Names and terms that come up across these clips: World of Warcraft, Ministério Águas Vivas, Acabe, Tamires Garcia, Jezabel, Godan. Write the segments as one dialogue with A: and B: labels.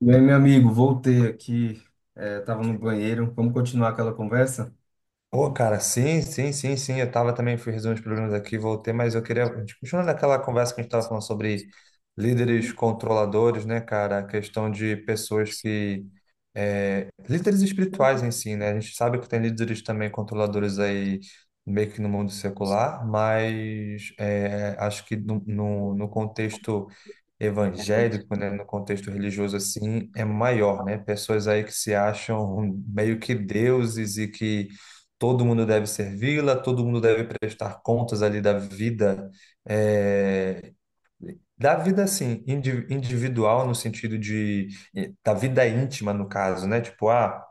A: E aí, meu amigo, voltei aqui, tava no banheiro. Vamos continuar aquela conversa?
B: Pô, cara, sim, sim, sim, sim. Eu tava também, fui resolver os problemas aqui, voltei, mas eu queria. A gente Continuando aquela conversa que a gente tava falando sobre líderes controladores, né, cara? A questão de pessoas que. É, Líderes espirituais em si, né? A gente sabe que tem líderes também controladores aí, meio que no mundo secular, mas acho que no contexto evangélico, né, no contexto religioso assim, é maior, né? Pessoas aí que se acham meio que deuses e que todo mundo deve servi-la, todo mundo deve prestar contas ali da vida, eh, da vida assim, individual no sentido de da vida íntima no caso, né? Tipo, ah,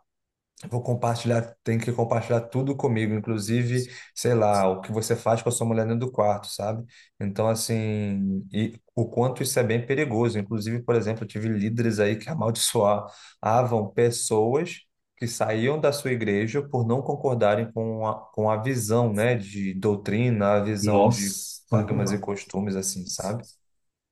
B: vou compartilhar, tem que compartilhar tudo comigo, inclusive, sei lá, o que você faz com a sua mulher dentro do quarto, sabe? Então, assim, e o quanto isso é bem perigoso. Inclusive, por exemplo, eu tive líderes aí que amaldiçoavam pessoas que saíam da sua igreja por não concordarem com a visão, né, de doutrina, a visão de
A: Nossa,
B: dogmas e costumes, assim, sabe?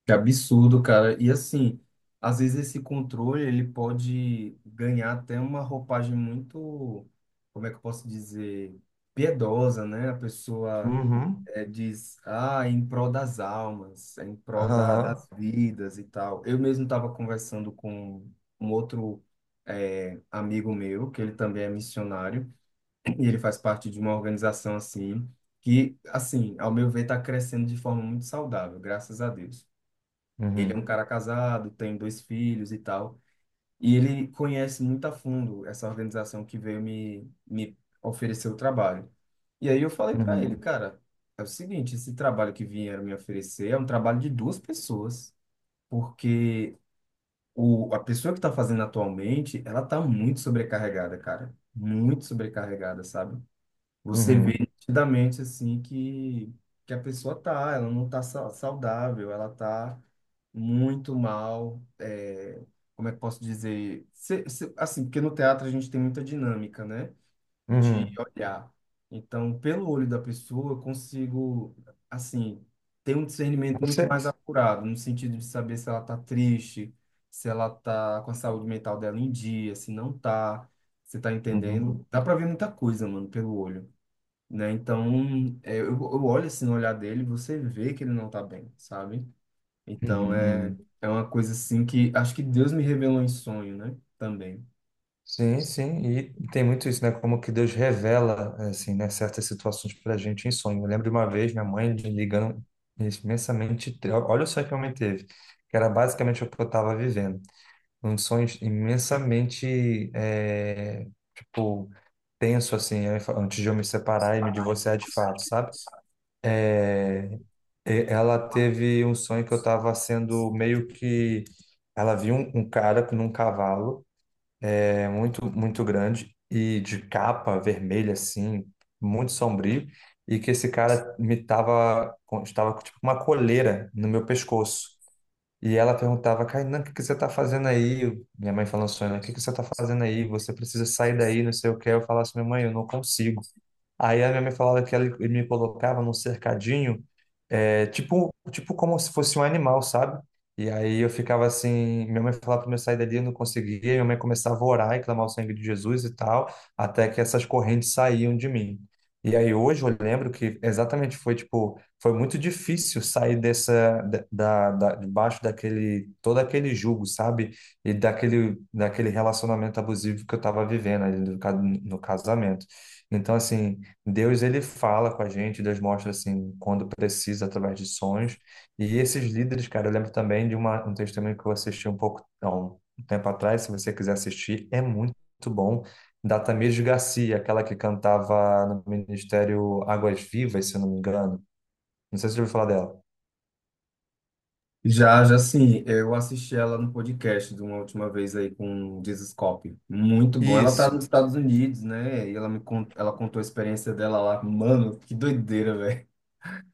A: que absurdo, cara. E assim, às vezes esse controle ele pode ganhar até uma roupagem muito, como é que eu posso dizer, piedosa, né? A pessoa
B: Uhum,
A: diz, ah, é em prol das almas, é em prol
B: aham,
A: das vidas e tal. Eu mesmo estava conversando com um outro amigo meu, que ele também é missionário. E ele faz parte de uma organização assim, que, assim, ao meu ver, está crescendo de forma muito saudável, graças a Deus. Ele é um
B: uhum,
A: cara casado, tem dois filhos e tal, e ele conhece muito a fundo essa organização que veio me oferecer o trabalho. E aí eu falei para ele,
B: uhum,
A: cara, é o seguinte, esse trabalho que vieram me oferecer é um trabalho de duas pessoas, porque a pessoa que está fazendo atualmente, ela está muito sobrecarregada, cara, muito sobrecarregada, sabe? Você vê
B: uhum,
A: nitidamente assim que a pessoa tá, ela não tá saudável, ela tá muito mal, como é que posso dizer? Assim, porque no teatro a gente tem muita dinâmica, né? De
B: uhum.
A: olhar. Então, pelo olho da pessoa, eu consigo, assim, ter um discernimento muito
B: Você?
A: mais apurado, no sentido de saber se ela tá triste, se ela tá com a saúde mental dela em dia, se não tá. Você tá
B: Uhum,
A: entendendo? Dá pra ver muita coisa, mano, pelo olho né? Então, eu olho assim no olhar dele, você vê que ele não tá bem, sabe?
B: uhum,
A: Então,
B: uhum.
A: é uma coisa assim que acho que Deus me revelou em sonho, né? Também.
B: Sim, sim, e tem muito isso, né? Como que Deus revela, assim, né, certas situações para a gente em sonho. Eu lembro de uma vez minha mãe me ligando imensamente, olha só que homem teve, que era basicamente o que eu estava vivendo. Um sonho imensamente, tipo, tenso, assim, antes de eu me separar e me divorciar de fato, sabe? É, ela teve um sonho que eu estava sendo meio que. Ela viu um cara num cavalo. É muito, muito grande e de capa vermelha, assim, muito sombrio. E que esse cara estava com tipo, uma coleira no meu pescoço. E ela perguntava: Kainan, o que que você tá fazendo aí? Minha mãe falando assim, né? O que que você tá fazendo aí? Você precisa sair daí, não sei o que. Eu falava assim: minha mãe, eu não consigo. Aí a minha mãe falava que ela, ele me colocava num cercadinho, é, tipo como se fosse um animal, sabe? E aí eu ficava assim, minha mãe falava para eu sair dali, eu não conseguia, minha mãe começava a orar e clamar o sangue de Jesus e tal, até que essas correntes saíam de mim. E aí hoje eu lembro que exatamente foi tipo, foi muito difícil sair dessa, debaixo daquele, todo aquele jugo, sabe? E daquele relacionamento abusivo que eu estava vivendo ali no casamento. Então, assim, Deus ele fala com a gente, Deus mostra assim quando precisa através de sonhos. E esses líderes, cara, eu lembro também de um testemunho que eu assisti um pouco, não, um tempo atrás, se você quiser assistir, é muito bom, da Tamires Garcia, aquela que cantava no Ministério Águas Vivas, se eu não me engano. Não sei se você ouviu falar dela.
A: Já, já sim eu assisti ela no podcast de uma última vez aí com o Jesus Cop. Muito bom. Ela tá
B: Isso,
A: nos Estados Unidos, né? E ela ela contou a experiência dela lá. Mano, que doideira, velho.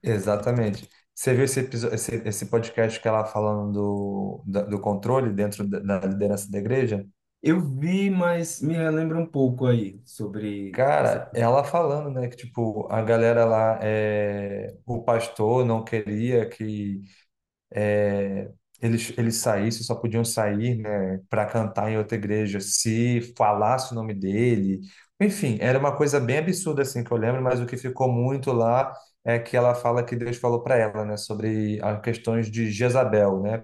B: exatamente. Você viu episódio, esse podcast que ela falando do controle dentro da liderança da igreja?
A: Eu vi, mas me relembra um pouco aí sobre.
B: Cara, ela falando, né, que tipo, a galera lá, é, o pastor não queria que é, eles, eles saíssem, só podiam sair, né, para cantar em outra igreja se falasse o nome dele. Enfim, era uma coisa bem absurda assim que eu lembro, mas o que ficou muito lá é que ela fala que Deus falou para ela, né, sobre as questões de Jezabel, né?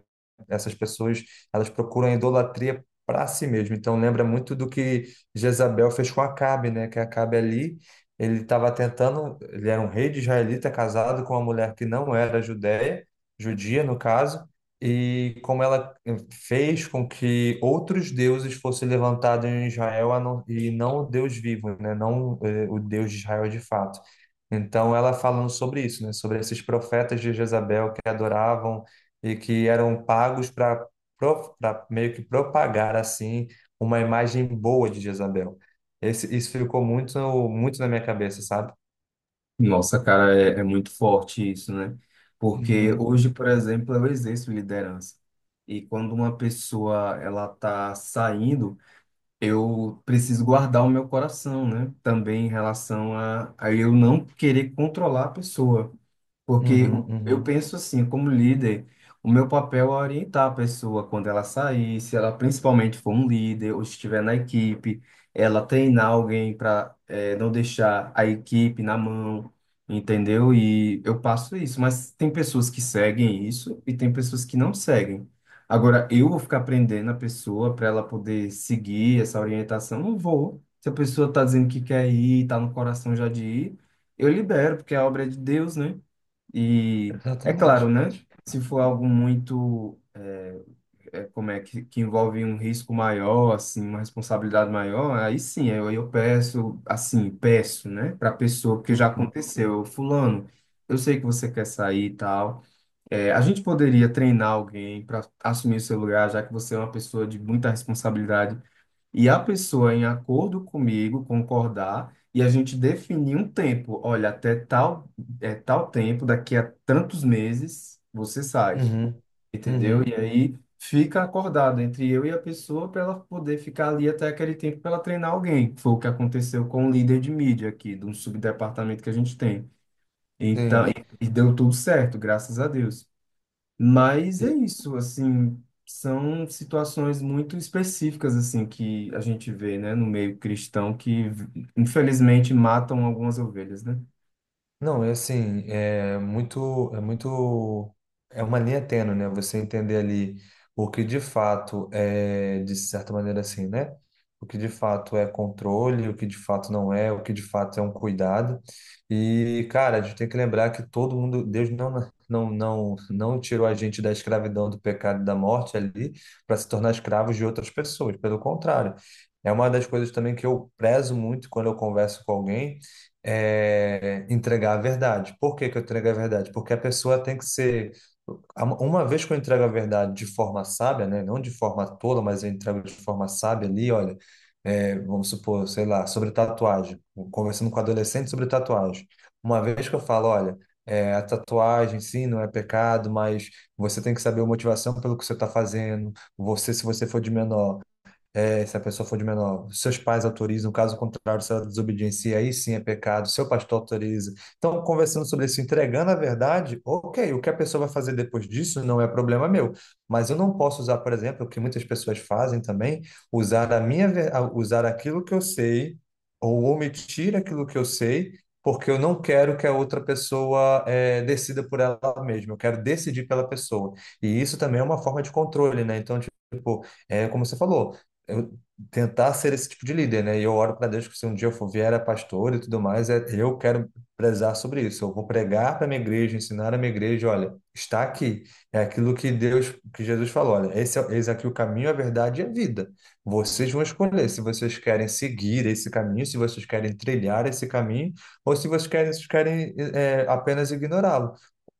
B: Essas pessoas, elas procuram a idolatria para si mesmo. Então lembra muito do que Jezabel fez com Acabe, né? Que Acabe ali ele estava tentando, ele era um rei de israelita casado com uma mulher que não era judeia, judia no caso, e como ela fez com que outros deuses fossem levantados em Israel a não- e não o Deus vivo, né? Não o Deus de Israel de fato. Então ela falando sobre isso, né? Sobre esses profetas de Jezabel que adoravam e que eram pagos para meio que propagar assim uma imagem boa de Jezabel. Isso ficou muito muito na minha cabeça, sabe?
A: Nossa, cara, é muito forte isso, né? Porque
B: Uhum,
A: hoje, por exemplo, eu exerço liderança. E quando uma pessoa ela tá saindo, eu preciso guardar o meu coração, né? Também em relação a eu não querer controlar a pessoa. Porque
B: uhum,
A: eu
B: uhum.
A: penso assim, como líder, o meu papel é orientar a pessoa quando ela sair, se ela principalmente for um líder ou estiver na equipe, ela treinar alguém para não deixar a equipe na mão, entendeu? E eu passo isso, mas tem pessoas que seguem isso e tem pessoas que não seguem. Agora, eu vou ficar prendendo a pessoa para ela poder seguir essa orientação? Não vou. Se a pessoa está dizendo que quer ir, está no coração já de ir, eu libero, porque é a obra é de Deus, né? E é claro,
B: Exatamente.
A: né? Se for algo muito, como é que envolve um risco maior, assim, uma responsabilidade maior, aí sim, eu peço, assim, peço, né, para a pessoa, porque já aconteceu, eu, fulano, eu sei que você quer sair e tal. A gente poderia treinar alguém para assumir o seu lugar, já que você é uma pessoa de muita responsabilidade e a pessoa, em acordo comigo, concordar e a gente definir um tempo. Olha, até tal, tal tempo, daqui a tantos meses, você sai,
B: Uhum,
A: entendeu? E
B: uhum,
A: aí fica acordado entre eu e a pessoa para ela poder ficar ali até aquele tempo para ela treinar alguém. Foi o que aconteceu com o líder de mídia aqui, de um subdepartamento que a gente tem. Então,
B: sim.
A: e deu tudo certo, graças a Deus. Mas é
B: E,
A: isso, assim, são situações muito específicas, assim, que a gente vê, né, no meio cristão, que infelizmente matam algumas ovelhas, né?
B: não, é assim, é muito, é uma linha tênue, né? Você entender ali o que de fato é, de certa maneira assim, né? O que de fato é controle, o que de fato não é, o que de fato é um cuidado. E, cara, a gente tem que lembrar que todo mundo, Deus não tirou a gente da escravidão, do pecado e da morte ali para se tornar escravos de outras pessoas. Pelo contrário, é uma das coisas também que eu prezo muito quando eu converso com alguém entregar a verdade. Por que que eu entrego a verdade? Porque a pessoa tem que ser. Uma vez que eu entrego a verdade de forma sábia, né? Não de forma tola, mas eu entrego de forma sábia ali, olha, vamos supor, sei lá, sobre tatuagem, conversando com adolescente sobre tatuagem. Uma vez que eu falo, olha, a tatuagem, sim, não é pecado, mas você tem que saber a motivação pelo que você está fazendo. Se você for de menor, se a pessoa for de menor, seus pais autorizam, caso contrário, se ela desobediência, aí sim é pecado, seu pastor autoriza. Então, conversando sobre isso, entregando a verdade, ok, o que a pessoa vai fazer depois disso não é problema meu. Mas eu não posso usar, por exemplo, o que muitas pessoas fazem também, usar a usar aquilo que eu sei, ou omitir aquilo que eu sei, porque eu não quero que a outra pessoa decida por ela mesma, eu quero decidir pela pessoa. E isso também é uma forma de controle, né? Então, tipo, é como você falou, eu tentar ser esse tipo de líder, né? E eu oro para Deus que se um dia eu for vier a pastor e tudo mais, eu quero prezar sobre isso. Eu vou pregar para minha igreja, ensinar a minha igreja, olha, está aqui. É aquilo que Deus, que Jesus falou, olha, eis aqui o caminho, a verdade e a vida. Vocês vão escolher se vocês querem seguir esse caminho, se vocês querem trilhar esse caminho, ou se vocês querem, é, apenas ignorá-lo.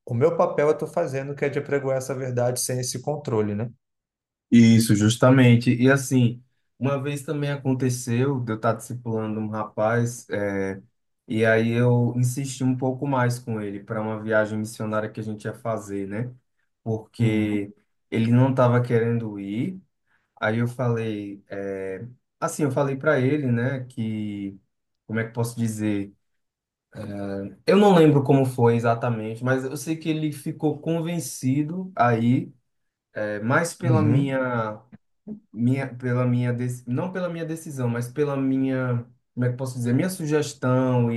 B: O meu papel eu estou fazendo, que é de apregoar essa verdade sem esse controle, né?
A: Isso, justamente. E assim, uma vez também aconteceu de eu estar discipulando um rapaz, é, e aí eu insisti um pouco mais com ele para uma viagem missionária que a gente ia fazer, né?
B: Uhum.
A: Porque ele não estava querendo ir. Aí eu falei, assim, eu falei para ele, né, que, como é que eu posso dizer? Eu não lembro como foi exatamente, mas eu sei que ele ficou convencido aí, é, mais
B: Uhum.
A: minha, pela minha, dec- não pela minha decisão, mas pela minha, como é que eu posso dizer, minha sugestão.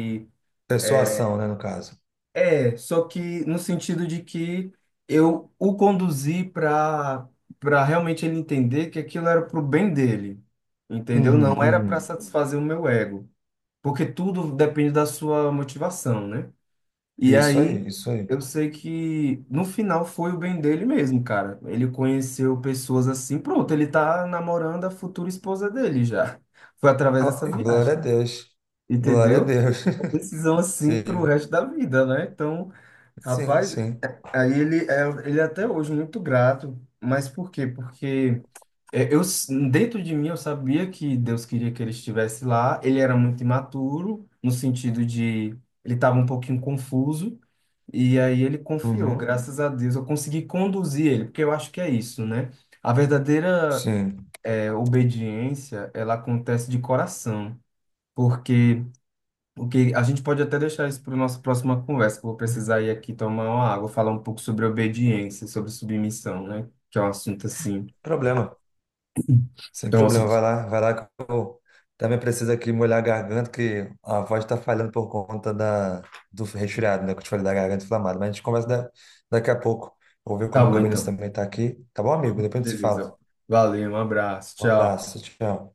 B: Persuasão, né, no caso.
A: É, só que no sentido de que eu o conduzi para para realmente ele entender que aquilo era pro bem dele, entendeu?
B: Uhum,
A: Não era para
B: uhum.
A: satisfazer o meu ego, porque tudo depende da sua motivação, né? E
B: Isso
A: aí
B: aí, isso aí.
A: eu sei que no final foi o bem dele mesmo, cara. Ele conheceu pessoas assim, pronto, ele tá namorando a futura esposa dele já. Foi através
B: Ah,
A: dessa
B: glória a
A: viagem,
B: Deus. Glória a
A: entendeu?
B: Deus.
A: Decisão assim pro
B: Sim,
A: resto da vida, né? Então,
B: sim,
A: Rapaz,
B: sim.
A: aí ele ele é até hoje muito grato, mas por quê? Porque dentro de mim eu sabia que Deus queria que ele estivesse lá. Ele era muito imaturo no sentido de ele estava um pouquinho confuso e aí ele confiou.
B: Uhum,
A: Graças a Deus eu consegui conduzir ele, porque eu acho que é isso, né? A verdadeira
B: sim.
A: obediência ela acontece de coração, porque o que a gente pode até deixar isso para a nossa próxima conversa, que eu vou precisar ir aqui tomar uma água, falar um pouco sobre obediência, sobre submissão, né? Que é um assunto assim.
B: Problema. Sem
A: Então, é um
B: problema.
A: assunto.
B: Vai lá que eu também preciso aqui molhar a garganta, que a voz está falhando por conta da, do resfriado, né? Que eu te falei da garganta inflamada. Mas a gente conversa daqui a pouco. Vou ver
A: Tá
B: como
A: bom,
B: que o Benício
A: então.
B: também está aqui. Tá bom, amigo? Depois a gente se fala.
A: Beleza. Valeu, um abraço.
B: Um
A: Tchau.
B: abraço, tchau.